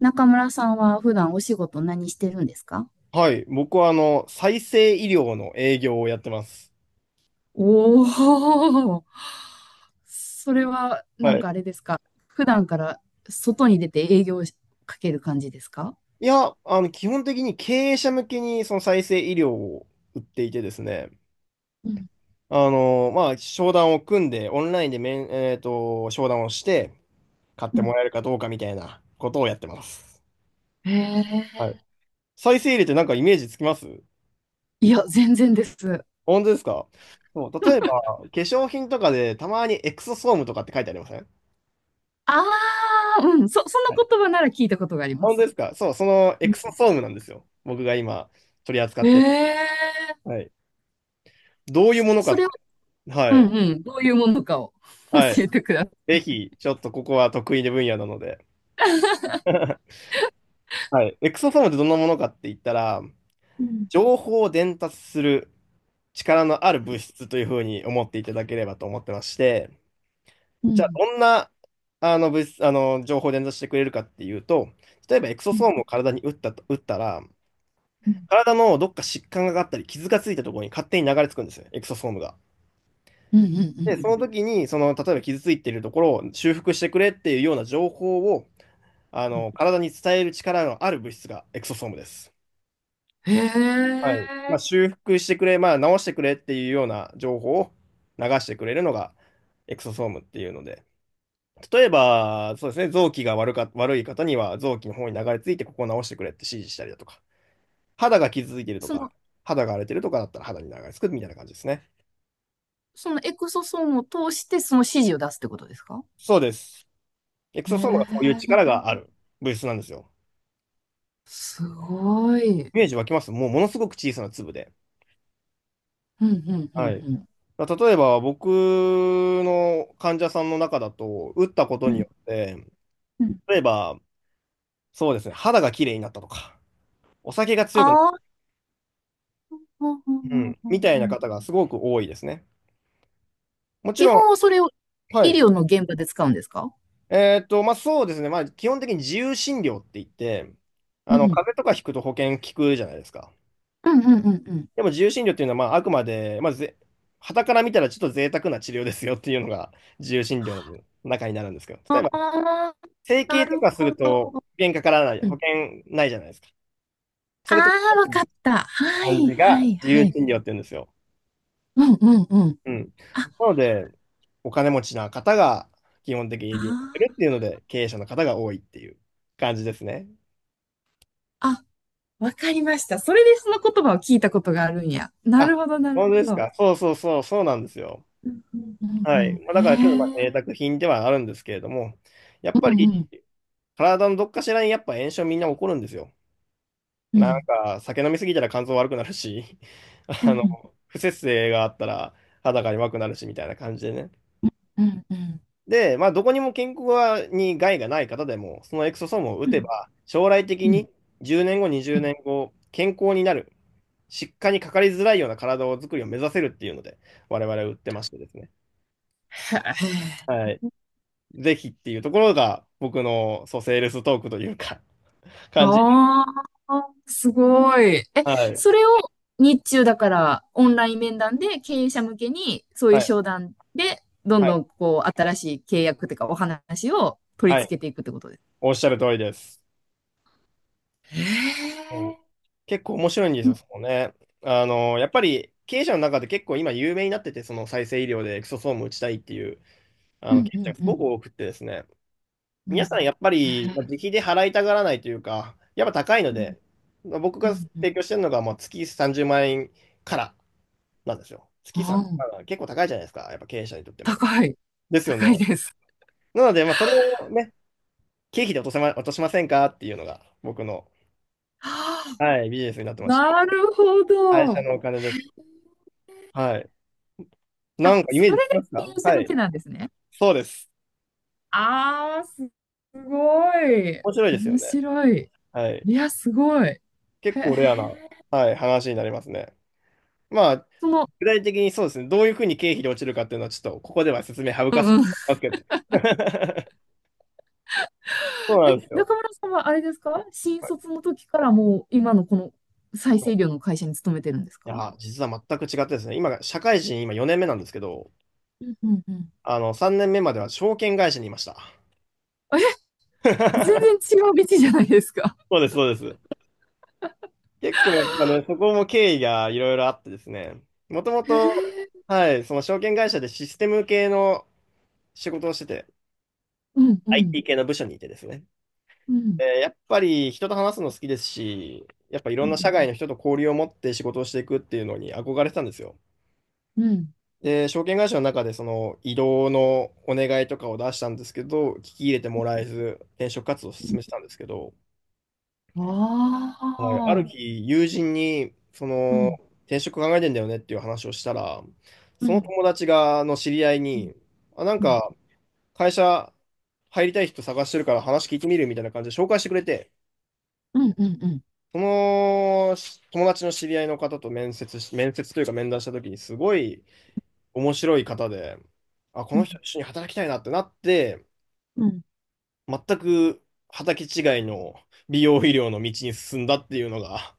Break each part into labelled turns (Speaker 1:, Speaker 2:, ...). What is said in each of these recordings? Speaker 1: 中村さんは普段お仕事何してるんですか？
Speaker 2: はい。僕は、再生医療の営業をやってます。
Speaker 1: おー、それはな
Speaker 2: は
Speaker 1: ん
Speaker 2: い。
Speaker 1: かあれですか。普段から外に出て営業をかける感じですか？
Speaker 2: いや、基本的に経営者向けに、その再生医療を売っていてですね。
Speaker 1: うん
Speaker 2: まあ、商談を組んで、オンラインで面、えっと、商談をして、買っ
Speaker 1: う
Speaker 2: ても
Speaker 1: ん、
Speaker 2: らえるかどうかみたいなことをやってます。
Speaker 1: へ
Speaker 2: は
Speaker 1: え。
Speaker 2: い。再生医療ってなんかイメージつきます？
Speaker 1: いや、全然です。
Speaker 2: 本当ですか？そう、例えば、化粧品とかで、たまにエクソソームとかって書いてありません？
Speaker 1: ああ、うん、そ、そ
Speaker 2: はい。
Speaker 1: の言葉なら聞いたことがありま
Speaker 2: 本当で
Speaker 1: す。
Speaker 2: すか？そう、そのエ
Speaker 1: うん。
Speaker 2: クソソームなんですよ。僕が今、取り扱ってる。
Speaker 1: え
Speaker 2: はい。どういう
Speaker 1: そ、
Speaker 2: ものか
Speaker 1: そ
Speaker 2: っ
Speaker 1: れを、
Speaker 2: て。
Speaker 1: う
Speaker 2: は
Speaker 1: ん
Speaker 2: い。
Speaker 1: うん、どういうものかを
Speaker 2: は
Speaker 1: 教え
Speaker 2: い。
Speaker 1: てください。
Speaker 2: ぜひ、ちょっとここは得意な分野なので。はい。エクソソームってどんなものかって言ったら、情報を伝達する力のある物質というふうに思っていただければと思ってまして、
Speaker 1: う
Speaker 2: じゃあ、
Speaker 1: ん
Speaker 2: どんな、あの物質、情報を伝達してくれるかっていうと、例えばエクソ
Speaker 1: う
Speaker 2: ソ
Speaker 1: ん
Speaker 2: ームを体に打ったと、打ったら、
Speaker 1: うん
Speaker 2: 体のどっか疾患があったり、傷がついたところに勝手に流れ着くんですよ、エクソソームが。
Speaker 1: うんうんうん
Speaker 2: で、
Speaker 1: う
Speaker 2: その
Speaker 1: ん。
Speaker 2: 時に、例えば傷ついているところを修復してくれっていうような情報を
Speaker 1: うん、
Speaker 2: 体に伝える力のある物質がエクソソームです。
Speaker 1: へ
Speaker 2: はい。まあ、
Speaker 1: え。
Speaker 2: 修復してくれ、まあ、直してくれっていうような情報を流してくれるのがエクソソームっていうので、例えば、そうですね、臓器が悪か、悪い方には臓器の方に流れ着いてここを直してくれって指示したりだとか、肌が傷ついてると
Speaker 1: そ
Speaker 2: か、
Speaker 1: の、
Speaker 2: 肌が荒れてるとかだったら肌に流れ着くみたいな感じですね。
Speaker 1: そのエクソソームを通してその指示を出すってことですか？
Speaker 2: そうです。エク
Speaker 1: へ
Speaker 2: ソソームがそういう
Speaker 1: え、
Speaker 2: 力がある物質なんですよ。
Speaker 1: すごい。
Speaker 2: イメージ湧きます？もうものすごく小さな粒で。
Speaker 1: うん、うん、うん、
Speaker 2: はい。
Speaker 1: うん。
Speaker 2: だから例えば僕の患者さんの中だと、打ったこと
Speaker 1: う
Speaker 2: に
Speaker 1: ん
Speaker 2: よって、
Speaker 1: うん、
Speaker 2: 例えば、そうですね、肌が綺麗になったとか、お酒が強くなっ
Speaker 1: ああ、うんう
Speaker 2: た
Speaker 1: んうん
Speaker 2: みた
Speaker 1: う
Speaker 2: い
Speaker 1: んう
Speaker 2: な
Speaker 1: ん。
Speaker 2: 方がすごく多いですね。もち
Speaker 1: 基
Speaker 2: ろん、
Speaker 1: 本はそれを
Speaker 2: は
Speaker 1: 医
Speaker 2: い。
Speaker 1: 療の現場で使うんですか？
Speaker 2: まあそうですね、まあ基本的に自由診療って言って、
Speaker 1: うん、
Speaker 2: 風邪とかひくと保険効くじゃないですか。
Speaker 1: うん、うん、うんうん。
Speaker 2: でも自由診療っていうのは、まああくまで、まあぜ、傍から見たらちょっと贅沢な治療ですよっていうのが自由診療の中になるんですけど、
Speaker 1: あ
Speaker 2: 例えば、
Speaker 1: あ、
Speaker 2: 整
Speaker 1: な
Speaker 2: 形と
Speaker 1: る
Speaker 2: かす
Speaker 1: ほ
Speaker 2: ると保
Speaker 1: ど。
Speaker 2: 険かからない、
Speaker 1: う
Speaker 2: 保
Speaker 1: ん、
Speaker 2: 険ないじゃないですか。そ
Speaker 1: あ
Speaker 2: れと
Speaker 1: あ、わかった。は
Speaker 2: 感
Speaker 1: い、
Speaker 2: じ
Speaker 1: は
Speaker 2: が
Speaker 1: い、
Speaker 2: 自由
Speaker 1: はい。
Speaker 2: 診療って言うんですよ。
Speaker 1: うんうんうん。
Speaker 2: うん。
Speaker 1: あ、
Speaker 2: なので、お金持ちな方が基本的に
Speaker 1: あ
Speaker 2: 利用するっていう
Speaker 1: ー、
Speaker 2: ので、経営者の方が多いっていう感じですね。
Speaker 1: あ、わかりました。それでその言葉を聞いたことがあるんや。な
Speaker 2: あ、
Speaker 1: るほど、なる
Speaker 2: 本当で
Speaker 1: ほ
Speaker 2: す
Speaker 1: ど。
Speaker 2: か。そうそうそう、そうなんですよ。
Speaker 1: うんうんうんう
Speaker 2: はい。まあ、
Speaker 1: ん。
Speaker 2: だからちょっとまあ
Speaker 1: へ
Speaker 2: 贅
Speaker 1: え。
Speaker 2: 沢品ではあるんですけれども、やっぱ
Speaker 1: うんう
Speaker 2: り
Speaker 1: ん。
Speaker 2: 体のどっかしらにやっぱ炎症みんな起こるんですよ。
Speaker 1: う
Speaker 2: なん
Speaker 1: ん。
Speaker 2: か、酒飲みすぎたら肝臓悪くなるし、
Speaker 1: うんうん。
Speaker 2: 不摂生があったら肌が弱くなるし、みたいな感じでね。
Speaker 1: うんうん。
Speaker 2: で、まあ、どこにも健康に害がない方でも、そのエクソソームを打
Speaker 1: う
Speaker 2: て
Speaker 1: ん
Speaker 2: ば、将来的
Speaker 1: うん、
Speaker 2: に10年後、20
Speaker 1: へ
Speaker 2: 年後、健康になる、疾患にかかりづらいような体を作りを目指せるっていうので、我々は打ってましてですね。
Speaker 1: え。
Speaker 2: はい。ぜひっていうところが、僕の、そう、セールストークというか、感じ。
Speaker 1: ああ、すごい。え、
Speaker 2: はい。
Speaker 1: それを日中だからオンライン面談で経営者向けにそうい
Speaker 2: は
Speaker 1: う
Speaker 2: い。
Speaker 1: 商談でど
Speaker 2: は
Speaker 1: んど
Speaker 2: い。
Speaker 1: んこう新しい契約というかお話を取り
Speaker 2: はい。
Speaker 1: 付けていくってことです。
Speaker 2: おっしゃる通りです。
Speaker 1: へ
Speaker 2: そ
Speaker 1: え。
Speaker 2: う結構面白いんです
Speaker 1: う
Speaker 2: よ、
Speaker 1: ん
Speaker 2: そのね。やっぱり経営者の中で結構今有名になってて、その再生医療でエクソソーム打ちたいっていうあ
Speaker 1: う
Speaker 2: の
Speaker 1: ん
Speaker 2: 経
Speaker 1: う
Speaker 2: 営者
Speaker 1: ん
Speaker 2: がす
Speaker 1: う
Speaker 2: ごく
Speaker 1: ん
Speaker 2: 多くってですね、
Speaker 1: うん。
Speaker 2: 皆さんやっぱ
Speaker 1: へ
Speaker 2: りまあ自
Speaker 1: え。
Speaker 2: 費で払いたがらないというか、やっぱ高いの
Speaker 1: うん
Speaker 2: で、まあ僕
Speaker 1: う
Speaker 2: が
Speaker 1: んうん。
Speaker 2: 提供してるのがまあ月30万円からなんですよ。月
Speaker 1: あ、
Speaker 2: 30円から結構高いじゃないですか、やっぱ経営者にとっても。
Speaker 1: 高い。
Speaker 2: ですよね。
Speaker 1: 高いです。
Speaker 2: なので、まあ、それをね、経費で落としませんかっていうのが僕の、
Speaker 1: は、
Speaker 2: はい、ビジネスになってまして、
Speaker 1: なるほ
Speaker 2: 会社
Speaker 1: ど。
Speaker 2: のお金です。はい。な
Speaker 1: あ、
Speaker 2: んかイメー
Speaker 1: そ
Speaker 2: ジつ
Speaker 1: れ
Speaker 2: きま
Speaker 1: で
Speaker 2: すか？
Speaker 1: 経営者
Speaker 2: は
Speaker 1: 向
Speaker 2: い。
Speaker 1: けなんですね。
Speaker 2: そうです。
Speaker 1: ああ、すごい。
Speaker 2: 面白いですよ
Speaker 1: 面
Speaker 2: ね。
Speaker 1: 白い。
Speaker 2: はい。
Speaker 1: いや、すごい。へ
Speaker 2: 結構レアな、
Speaker 1: え。
Speaker 2: はい、話になりますね。まあ、
Speaker 1: その、
Speaker 2: 具体的にそうですね、どういうふうに経費で落ちるかっていうのは、ちょっとここでは説明省かせていただきますけど。そうなんですよ。
Speaker 1: 中村さんはあれですか？新
Speaker 2: はい。
Speaker 1: 卒の時からもう今のこの再
Speaker 2: そ
Speaker 1: 生医
Speaker 2: う、
Speaker 1: 療の会社に勤めてるんです
Speaker 2: い
Speaker 1: か？
Speaker 2: や、実は全く違ってですね、今が、社会人、今4年目なんですけど、
Speaker 1: うんうん。
Speaker 2: 3年目までは証券会社にいました。
Speaker 1: 全 然違う道じゃないですか。
Speaker 2: そうです、そうです。結構やっぱね、そこも経緯がいろいろあってですね、もとも
Speaker 1: へ
Speaker 2: と、
Speaker 1: え。
Speaker 2: はい、その証券会社でシステム系の仕事をしてて、
Speaker 1: うんうん
Speaker 2: IT 系の部署にいてですね。
Speaker 1: うん
Speaker 2: やっぱり人と話すの好きですし、やっぱいろ
Speaker 1: う
Speaker 2: んな社
Speaker 1: ん
Speaker 2: 外の人と交流を持って仕事をしていくっていうのに憧れてたんですよ。
Speaker 1: うん。
Speaker 2: で、証券会社の中でその移動のお願いとかを出したんですけど、聞き入れてもらえず、転職活動を進めてたんですけど、
Speaker 1: あ
Speaker 2: はい、ある
Speaker 1: あ。
Speaker 2: 日、友人に、
Speaker 1: うん
Speaker 2: 転職考えてんだよねっていう話をしたら、
Speaker 1: う
Speaker 2: その
Speaker 1: ん
Speaker 2: 友達が、の知り合い
Speaker 1: うん
Speaker 2: に、あ、なん
Speaker 1: うん
Speaker 2: か、会社入りたい人探してるから話聞いてみるみたいな感じで紹介してくれて、
Speaker 1: うんうんうん
Speaker 2: そのし友達の知り合いの方と面接というか面談した時にすごい面白い方で、あ、こ
Speaker 1: うん
Speaker 2: の
Speaker 1: うん
Speaker 2: 人と一緒に働きたいなってなって、
Speaker 1: うん、
Speaker 2: 全く畑違いの美容医療の道に進んだっていうのが、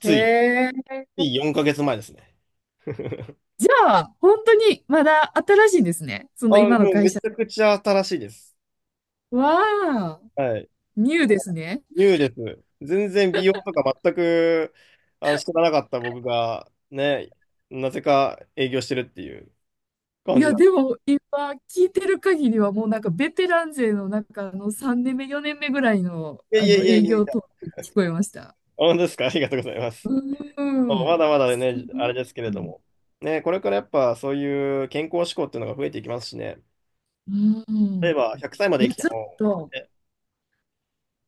Speaker 1: へ
Speaker 2: つ
Speaker 1: え。
Speaker 2: い4ヶ月前ですね。
Speaker 1: じゃあ、本当にまだ新しいんですね。その
Speaker 2: あ、
Speaker 1: 今の
Speaker 2: もう
Speaker 1: 会
Speaker 2: め
Speaker 1: 社。
Speaker 2: ちゃくちゃ新しいです。
Speaker 1: わあ、
Speaker 2: はい。
Speaker 1: ニューですね。
Speaker 2: ニューです。全然美容とか全く、知らなかった僕が、ね、なぜか営業してるっていう
Speaker 1: い
Speaker 2: 感じ
Speaker 1: や、
Speaker 2: だ。
Speaker 1: でも今聞いてる限りはもうなんかベテラン勢の中の3年目、4年目ぐらいの、
Speaker 2: いやい
Speaker 1: あ
Speaker 2: や
Speaker 1: の
Speaker 2: いやい
Speaker 1: 営
Speaker 2: やい
Speaker 1: 業
Speaker 2: や。
Speaker 1: トークに聞こえました。
Speaker 2: 本当ですか？ ありがとうございま
Speaker 1: う
Speaker 2: す。
Speaker 1: ー
Speaker 2: そうま
Speaker 1: ん。
Speaker 2: だまだね、あれですけれども。ね、これからやっぱそういう健康志向っていうのが増えていきますしね。
Speaker 1: う
Speaker 2: 例
Speaker 1: ん。
Speaker 2: えば100歳ま
Speaker 1: い
Speaker 2: で
Speaker 1: や、
Speaker 2: 生きて
Speaker 1: ちょっ
Speaker 2: も、
Speaker 1: と、
Speaker 2: え、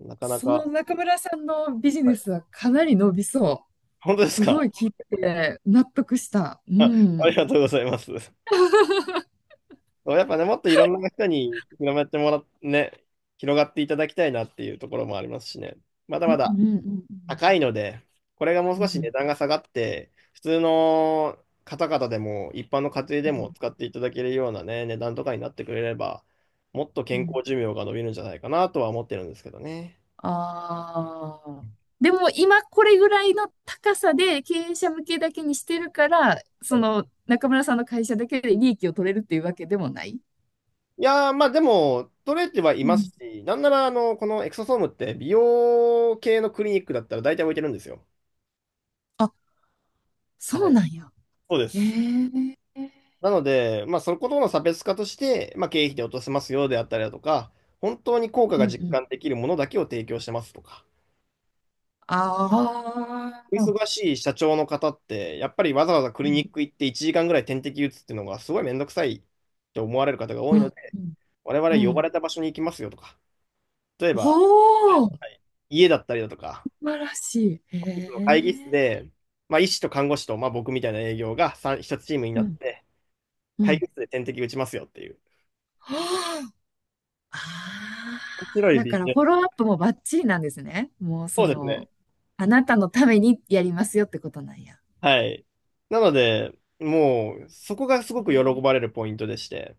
Speaker 2: なかな
Speaker 1: その
Speaker 2: か、
Speaker 1: 中村さんのビジ
Speaker 2: は
Speaker 1: ネ
Speaker 2: い。
Speaker 1: スはかなり伸びそ
Speaker 2: 本当で
Speaker 1: う。
Speaker 2: す
Speaker 1: すごい
Speaker 2: か？
Speaker 1: 聞いてて納得した。う
Speaker 2: あ、あり
Speaker 1: ん。
Speaker 2: がとうございます。そうやっぱね、もっといろんな人に広めてもらっね、広がっていただきたいなっていうところもありますしね。まだ
Speaker 1: うん
Speaker 2: まだ
Speaker 1: うんうん
Speaker 2: 高いので、これがもう
Speaker 1: うん。
Speaker 2: 少
Speaker 1: う
Speaker 2: し値
Speaker 1: ん
Speaker 2: 段が下がって、普通の方々でも、一般の家庭でも使っていただけるようなね、値段とかになってくれれば、もっと
Speaker 1: う
Speaker 2: 健
Speaker 1: ん。
Speaker 2: 康寿命が伸びるんじゃないかなとは思ってるんですけどね。
Speaker 1: ああ。でも今これぐらいの高さで経営者向けだけにしてるから、
Speaker 2: は
Speaker 1: そ
Speaker 2: い。
Speaker 1: の中村さんの会社だけで利益を取れるっていうわけでもない。
Speaker 2: いやー、まあでも、取れてはい
Speaker 1: う
Speaker 2: ます
Speaker 1: ん。
Speaker 2: し、なんなら、このエクソソームって美容系のクリニックだったら大体置いてるんですよ。
Speaker 1: あ、
Speaker 2: は
Speaker 1: そ
Speaker 2: い、
Speaker 1: うなんや。
Speaker 2: そうで
Speaker 1: え
Speaker 2: す。
Speaker 1: え。
Speaker 2: なので、まあ、そことの差別化として、まあ、経費で落とせますよであったりだとか、本当に効果が
Speaker 1: うんう
Speaker 2: 実
Speaker 1: ん。
Speaker 2: 感できるものだけを提供してますとか、
Speaker 1: あ
Speaker 2: お
Speaker 1: あ。
Speaker 2: 忙しい社長の方って、やっぱりわざわざク
Speaker 1: う
Speaker 2: リ
Speaker 1: ん。
Speaker 2: ニック行って1時間ぐらい点滴打つっていうのがすごいめんどくさいって思われる方が多
Speaker 1: う
Speaker 2: いの
Speaker 1: ん。
Speaker 2: で、
Speaker 1: うん。
Speaker 2: 我々
Speaker 1: う
Speaker 2: 呼ば
Speaker 1: ん、
Speaker 2: れた場所に行きますよとか、例えば
Speaker 1: おお、素
Speaker 2: 家だったりだとか、
Speaker 1: 晴らしい。へ
Speaker 2: オフィスの会議室
Speaker 1: え。
Speaker 2: で、まあ、医師と看護師と、まあ、僕みたいな営業が3、一つチームに
Speaker 1: う
Speaker 2: なっ
Speaker 1: ん。
Speaker 2: て、
Speaker 1: う
Speaker 2: 会
Speaker 1: ん。
Speaker 2: 議室で点滴打ちますよっていう。
Speaker 1: は、あ、あ
Speaker 2: 面白
Speaker 1: あ、
Speaker 2: い
Speaker 1: だ
Speaker 2: ビ
Speaker 1: か
Speaker 2: ジ
Speaker 1: ら
Speaker 2: ネ
Speaker 1: フォ
Speaker 2: ス。
Speaker 1: ローアップもバッチリなんですね。もう
Speaker 2: そ
Speaker 1: そ
Speaker 2: うですね。
Speaker 1: の、あなたのためにやりますよってことなんや。
Speaker 2: はい。なので、もう、そこがすごく喜ばれるポイントでして、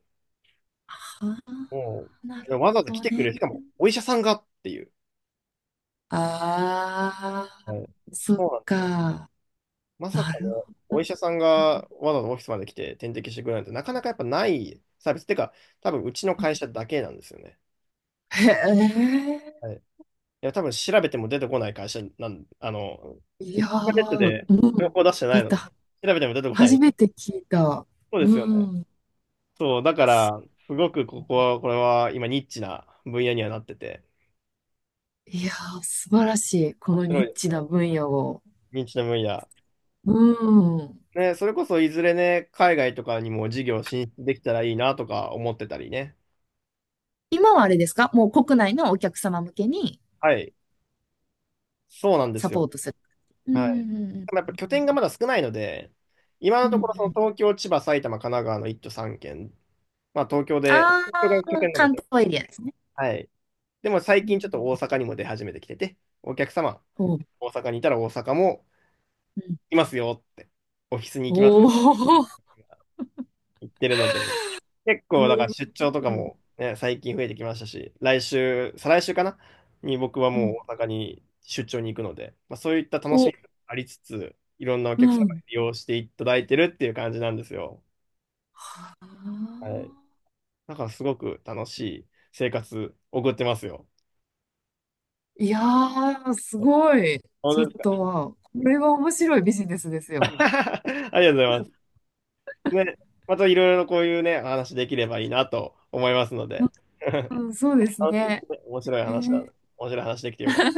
Speaker 1: あ、は、
Speaker 2: も
Speaker 1: あ、な
Speaker 2: う、
Speaker 1: る
Speaker 2: わ
Speaker 1: ほ
Speaker 2: ざわざ来
Speaker 1: ど
Speaker 2: てく
Speaker 1: ね。
Speaker 2: れる、しかも、お医者さんがっていう。
Speaker 1: ああ、
Speaker 2: はい。
Speaker 1: そっ
Speaker 2: そうなんですよ。
Speaker 1: か。
Speaker 2: まさ
Speaker 1: な
Speaker 2: かね、
Speaker 1: る
Speaker 2: お医者さん
Speaker 1: ほど。
Speaker 2: がわざわざオフィスまで来て点滴してくれるなんて、なかなかやっぱないサービス。てか、多分うちの会社だけなんですよね。
Speaker 1: へえ。
Speaker 2: はい。いや、多分調べても出てこない会社なん、
Speaker 1: いや
Speaker 2: インターネット
Speaker 1: ー、
Speaker 2: で
Speaker 1: う
Speaker 2: 情
Speaker 1: ん。
Speaker 2: 報出してな
Speaker 1: だ
Speaker 2: い
Speaker 1: っ
Speaker 2: の
Speaker 1: て
Speaker 2: で、
Speaker 1: は、
Speaker 2: 調べても出てこな
Speaker 1: 初め
Speaker 2: い。
Speaker 1: て聞いた。
Speaker 2: そうですよね。
Speaker 1: うん。
Speaker 2: そう、だか
Speaker 1: す
Speaker 2: ら、すごくこれは今ニッチな分野にはなってて、
Speaker 1: いやー、素晴らしい。こ
Speaker 2: 面
Speaker 1: の
Speaker 2: 白
Speaker 1: ニ
Speaker 2: い
Speaker 1: ッ
Speaker 2: です
Speaker 1: チな
Speaker 2: よ。
Speaker 1: 分野を。
Speaker 2: ニッチな分野。
Speaker 1: うん。
Speaker 2: ね、それこそいずれね、海外とかにも事業進出できたらいいなとか思ってたりね。
Speaker 1: 今はあれですか？もう国内のお客様向けに
Speaker 2: はい。そうなんで
Speaker 1: サ
Speaker 2: す
Speaker 1: ポ
Speaker 2: よ。
Speaker 1: ートする。う
Speaker 2: はい。
Speaker 1: んう
Speaker 2: でもやっ
Speaker 1: ん
Speaker 2: ぱ拠点がまだ少ないので、今
Speaker 1: う
Speaker 2: の
Speaker 1: んうん
Speaker 2: ところ
Speaker 1: うん
Speaker 2: そ
Speaker 1: う
Speaker 2: の
Speaker 1: ん、
Speaker 2: 東京、千葉、埼玉、神奈川の1都3県、
Speaker 1: あ
Speaker 2: 東京
Speaker 1: あ
Speaker 2: が拠
Speaker 1: ー、
Speaker 2: 点なの
Speaker 1: 関
Speaker 2: で、
Speaker 1: 東エリアですね。
Speaker 2: はい。でも最
Speaker 1: う
Speaker 2: 近ちょっと大
Speaker 1: ん
Speaker 2: 阪にも出始めてきてて、お客様、
Speaker 1: うん、おう、
Speaker 2: 大阪にいたら大阪も
Speaker 1: うん、
Speaker 2: いますよって、オフィスに行きま
Speaker 1: お
Speaker 2: す
Speaker 1: ー、
Speaker 2: 行ってるのと、結
Speaker 1: す
Speaker 2: 構だから
Speaker 1: ご
Speaker 2: 出張とか
Speaker 1: い。
Speaker 2: もね、最近増えてきましたし、来週、再来週かなに僕は
Speaker 1: う
Speaker 2: もう
Speaker 1: ん、
Speaker 2: 大阪に出張に行くので、まあ、そういった楽し
Speaker 1: お、
Speaker 2: みもありつつ、いろんなお
Speaker 1: う
Speaker 2: 客様に
Speaker 1: ん。
Speaker 2: 利用していただいてるっていう感じなんですよ。
Speaker 1: あ
Speaker 2: はい。だからすごく楽しい生活送ってますよ。
Speaker 1: ー、いやー、す
Speaker 2: はい。
Speaker 1: ごい。
Speaker 2: 本
Speaker 1: ちょ
Speaker 2: 当
Speaker 1: っ
Speaker 2: ですか？
Speaker 1: と、これは面白いビジネスです よ。
Speaker 2: ありがとうございます。ね、またいろいろこういうね、話できればいいなと思いますので、
Speaker 1: うん、そうで す
Speaker 2: 楽しい、
Speaker 1: ね。
Speaker 2: 面白い
Speaker 1: え
Speaker 2: 話だ。
Speaker 1: ー
Speaker 2: 面白い話できてよかった。